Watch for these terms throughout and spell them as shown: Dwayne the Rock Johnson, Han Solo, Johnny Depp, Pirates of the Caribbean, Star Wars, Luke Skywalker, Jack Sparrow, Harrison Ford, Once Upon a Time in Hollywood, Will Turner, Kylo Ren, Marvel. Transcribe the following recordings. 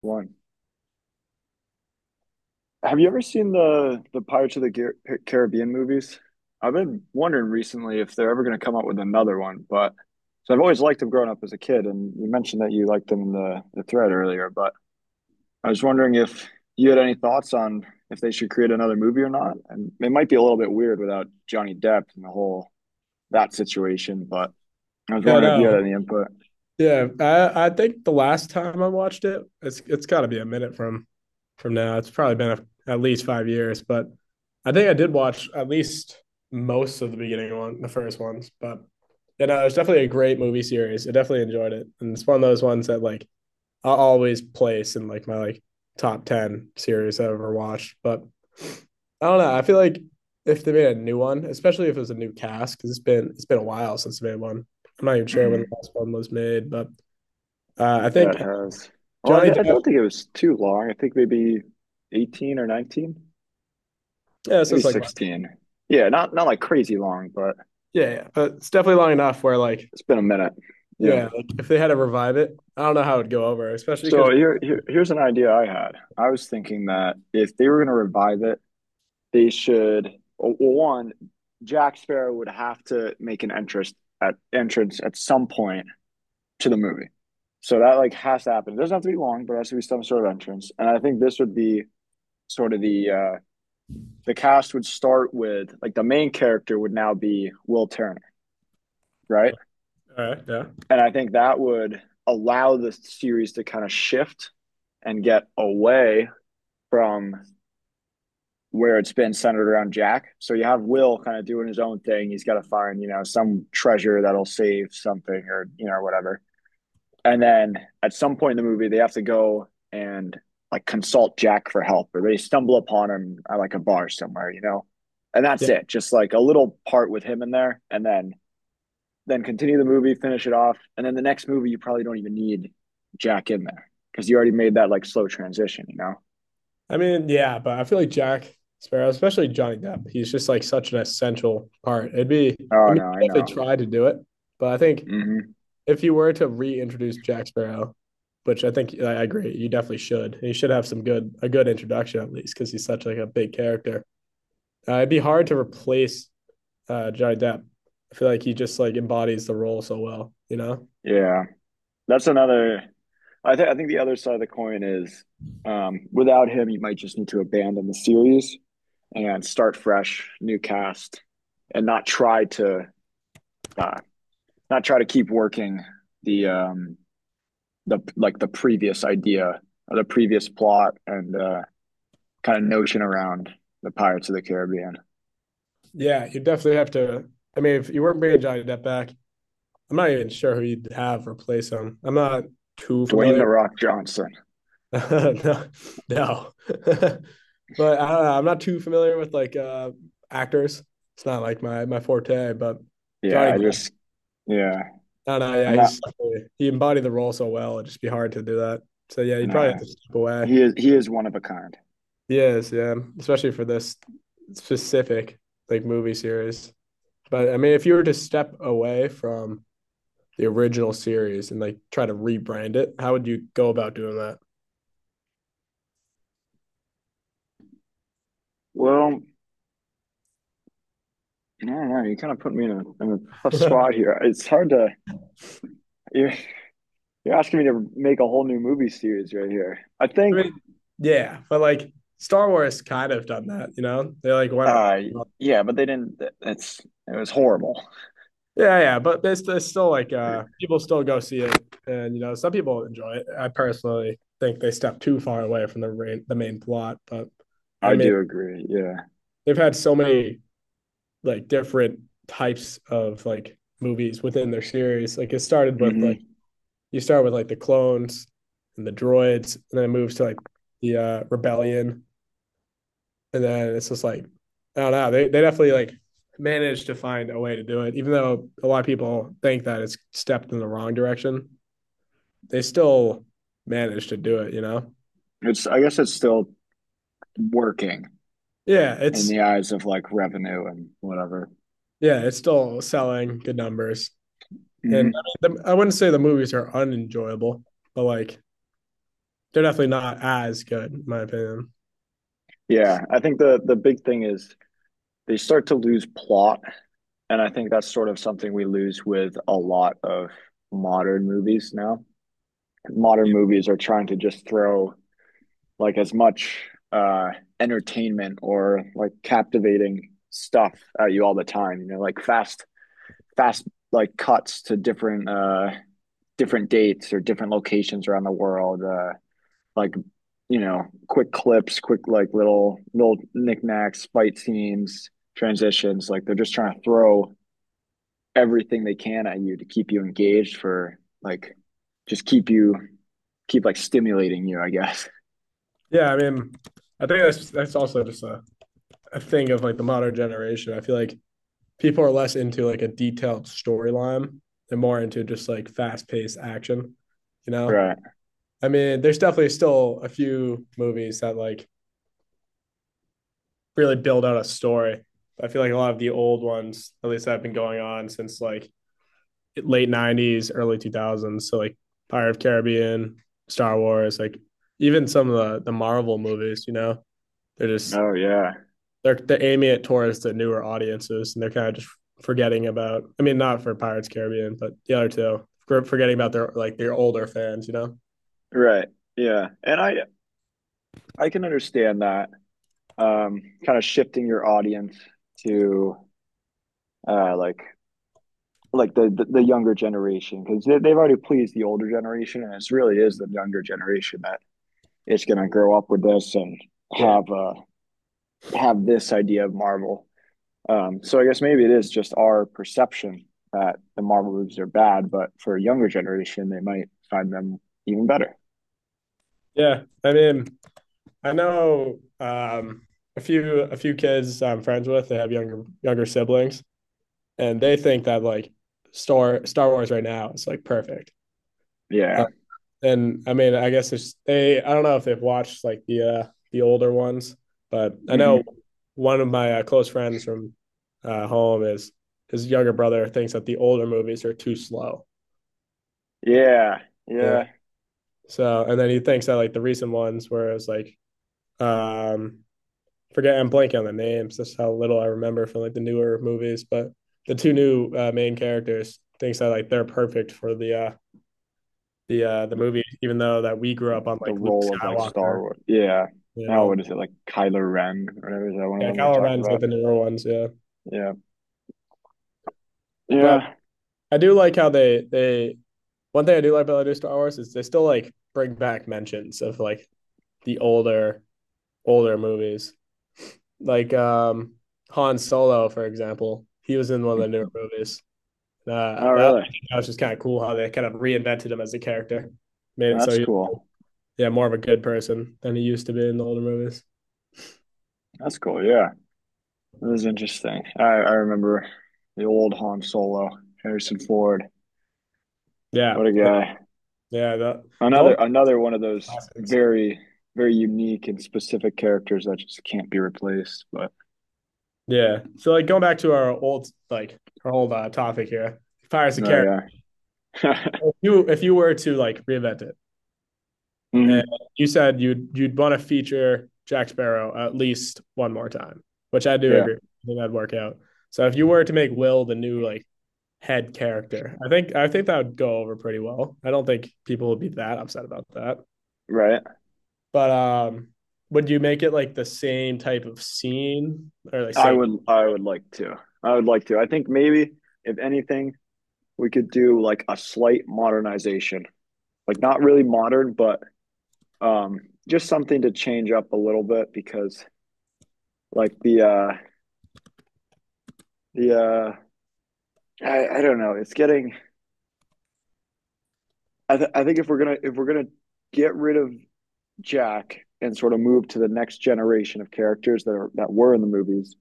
One. Have you ever seen the Pirates of the Caribbean movies? I've been wondering recently if they're ever going to come up with another one, but so I've always liked them growing up as a kid, and you mentioned that you liked them in the thread earlier, but I was wondering if you had any thoughts on if they should create another movie or not. And it might be a little bit weird without Johnny Depp and the whole that situation, but I was Yeah, wondering if you no. had any input. Yeah, I think the last time I watched it, it's got to be a minute from now. It's probably been at least 5 years, but I think I did watch at least most of the beginning one, the first ones. But yeah, no, it was definitely a great movie series. I definitely enjoyed it, and it's one of those ones that like I'll always place in like my like top 10 series I've ever watched. But I don't know. I feel like if they made a new one, especially if it was a new cast, because it's been a while since they made one. I'm not even sure when the Mhm. last one was made, but I Yeah, think it has. Well, Johnny I Depp. don't think it was too long. I think maybe 18 or 19, Yeah, so maybe it's like 16. Yeah, not like crazy long, but yeah, yeah, but it's definitely long enough where like it's been a minute. Yeah. yeah, like if they had to revive it, I don't know how it'd go over, especially So because here's an idea I had. I was thinking that if they were going to revive it, they should well, one, Jack Sparrow would have to make an entrance at some point to the movie. So that like has to happen. It doesn't have to be long, but it has to be some sort of entrance. And I think this would be sort of the cast would start with like the main character would now be Will Turner, right? all right, yeah, And yeah. I think that would allow the series to kind of shift and get away from where it's been centered around Jack. So you have Will kind of doing his own thing. He's got to find, some treasure that'll save something or, whatever. And then at some point in the movie, they have to go and like consult Jack for help or they stumble upon him at like a bar somewhere, you know? And that's it. Just like a little part with him in there. And then continue the movie, finish it off, and then the next movie you probably don't even need Jack in there because you already made that like slow transition, you know? I mean, yeah, but I feel like Jack Sparrow, especially Johnny Depp, he's just like such an essential part. It'd be, I Oh mean, no, I you definitely know. try to do it, but I think Hmm. if you were to reintroduce Jack Sparrow, which I think I agree, you definitely should. You should have some good, a good introduction at least, because he's such like a big character. It'd be hard to replace Johnny Depp. I feel like he just like embodies the role so well, you know? Yeah, that's another. I think the other side of the coin is, without him, you might just need to abandon the series and start fresh, new cast, and uh, not try to keep working the um, the previous idea, or the previous plot, and kind of notion around the Pirates of the Caribbean. Yeah, you definitely have to. I mean, if you weren't bringing Johnny Depp back, I'm not even sure who you'd have replace him. I'm not too Dwayne the familiar. Rock Johnson. No, no. But I don't know. I'm not too familiar with like actors. It's not like my forte. But Yeah, Johnny, I Depp, just, yeah. I don't know. I'm Yeah, not, he embodied the role so well. It'd just be hard to do that. So yeah, you'd probably no. have to step away. He is one of a kind. He is, yeah, especially for this specific like movie series. But I mean, if you were to step away from the original series and like try to rebrand it, how would you go about doing that? Well, I don't know. You kind of put me in a tough I spot here. It's hard to you're, you're asking me to make a whole new movie series right here. I think. mean, yeah, but like Star Wars kind of done that, you know? They like went uh yeah, but they didn't. It was horrible. yeah, yeah, but there's still like people still go see it, and you know some people enjoy it. I personally think they step too far away from the main plot, but I I mean do agree. Yeah. they've had so many like different types of like movies within their series. Like it started with like Hmm. you start with like the clones and the droids, and then it moves to like the rebellion, and then it's just like, I don't know. They definitely like managed to find a way to do it, even though a lot of people think that it's stepped in the wrong direction. They still managed to do it, you know. It's I guess it's still working Yeah, in it's the eyes of like revenue and whatever. yeah, it's still selling good numbers, and Hmm. I mean, I wouldn't say the movies are unenjoyable, but like they're definitely not as good, in my opinion. Yeah, I think the big thing is they start to lose plot, and I think that's sort of something we lose with a lot of modern movies now. Modern movies are trying to just throw like as much uh entertainment or like captivating stuff at you all the time, like fast like cuts to different different dates or different locations around the world, like quick clips, quick like little knickknacks, fight scenes, transitions. Like they're just trying to throw everything they can at you to keep you engaged for like just keep you keep like stimulating you, I guess. Yeah, I mean, I think that's also just a thing of like the modern generation. I feel like people are less into like a detailed storyline and more into just like fast paced action, you know? Right. I mean, there's definitely still a few movies that like really build out a story. I feel like a lot of the old ones, at least that have been going on since like late 90s, early 2000s. So like *Pirates of the Caribbean, Star Wars, like even some of the Marvel movies, you know, they're just Oh yeah. they're aiming at towards the newer audiences, and they're kind of just forgetting about. I mean, not for Pirates Caribbean, but the other two, forgetting about their like their older fans. You know? Right. Yeah. And I can understand that. Kind of shifting your audience to uh like like the younger generation because they've already pleased the older generation and it's really is the younger generation that is going to grow up with this and Yeah. have uh, have this idea of Marvel. So I guess maybe it is just our perception that the Marvel movies are bad, but for a younger generation, they might find them even better. Yeah. I mean, I know a few kids I'm friends with. They have younger siblings, and they think that like Star Wars right now is like perfect. Yeah. And I mean, I guess it's they. I don't know if they've watched like the older ones, but I know Hmm. one of my close friends from home is his younger brother thinks that the older movies are too slow. Yeah, Yeah. yeah. So and then he thinks that like the recent ones where it's like um forget I'm blanking on the names. That's how little I remember from like the newer movies, but the two new main characters thinks that like they're perfect for the The, movie, even though that we grew up on the like Luke role of like Star Skywalker Wars. Yeah. and Now all. what is it like, Kylo Ren? Or whatever, is that one of Yeah, them you're talking Calaveras like about? the newer ones, yeah. Yeah, But yeah. I do like how they one thing I do like about the new Star Wars is they still like bring back mentions of like the older movies. Like Han Solo, for example. He was in one of the newer movies. Oh, That, really? that was just kind of cool how they kind of reinvented him as a character. Made it so That's he- cool. Yeah, more of a good person than he used to be in the older movies. That's cool. Yeah. That was interesting. I remember the old Han Solo, Harrison Ford. Yeah. What a Yeah, guy. yeah the Another old another one of those classics. very, very unique and specific characters that just can't be replaced. But Yeah. So like going back to our old topic here, Pirates of the oh Caribbean. yeah. If you if you were to like reinvent it, Hmm. and you said you'd want to feature Jack Sparrow at least one more time, which I do Yeah, agree. I think that'd work out. So if you were to make Will the new like head character, I think that would go over pretty well. I don't think people would be that upset about that. right. But would you make it like the same type of scene or like I same? would I would like to. I would like to. I think maybe if anything, we could do like a slight modernization. Like not really modern, but um just something to change up a little bit because like the uh I don't know. It's getting. I think if we're gonna get rid of Jack and sort of move to the next generation of characters that were in the movies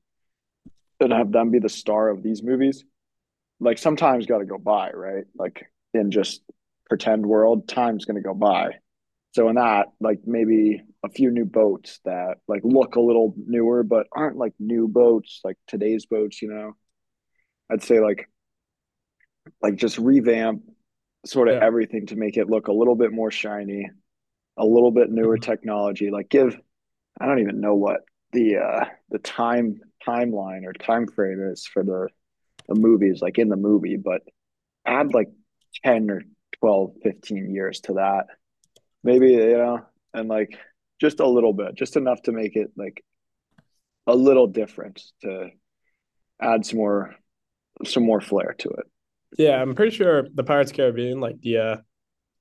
and have them be the star of these movies, like sometimes got to go by, right? Like in just pretend world, time's gonna go by. So in that, like maybe a few new boats that like look a little newer but aren't like new boats, like today's boats. You know, I'd say like just revamp sort of Yeah. everything to make it look a little bit more shiny, a little bit newer technology, like give, I don't even know what the uh the timeline or time frame is for the movies like in the movie, but add like 10 or 12, 15 years to that maybe, you know, and like just a little bit, just enough to make it like a little different, to add some more flair to it. Yeah, I'm pretty sure the Pirates of the Caribbean, like the uh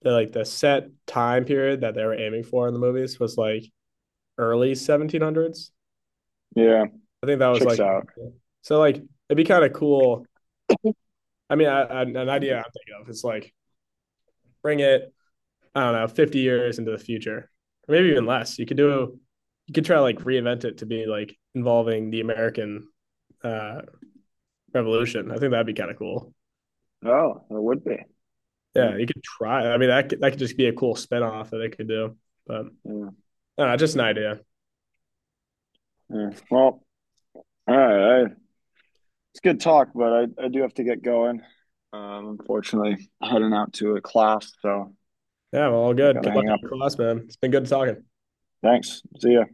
the like the set time period that they were aiming for in the movies was like early 1700s. Yeah, I think that was checks like out. so like it'd be kind of cool. I mean, an idea I'm thinking of is like bring it, I don't know, 50 years into the future. Or maybe even less. You could try to like reinvent it to be like involving the American uh revolution. I think that'd be kind of cool. Oh, it would be. Yeah. Yeah, you could try. I mean, that could just be a cool spinoff that they could do. But Yeah, I don't know, just an idea. yeah. Well, all right, I it's good talk, but I do have to get going. Unfortunately, heading out to a class, so Yeah, well, all I good. gotta Good luck hang in up. your class, man. It's been good talking. Thanks. See ya.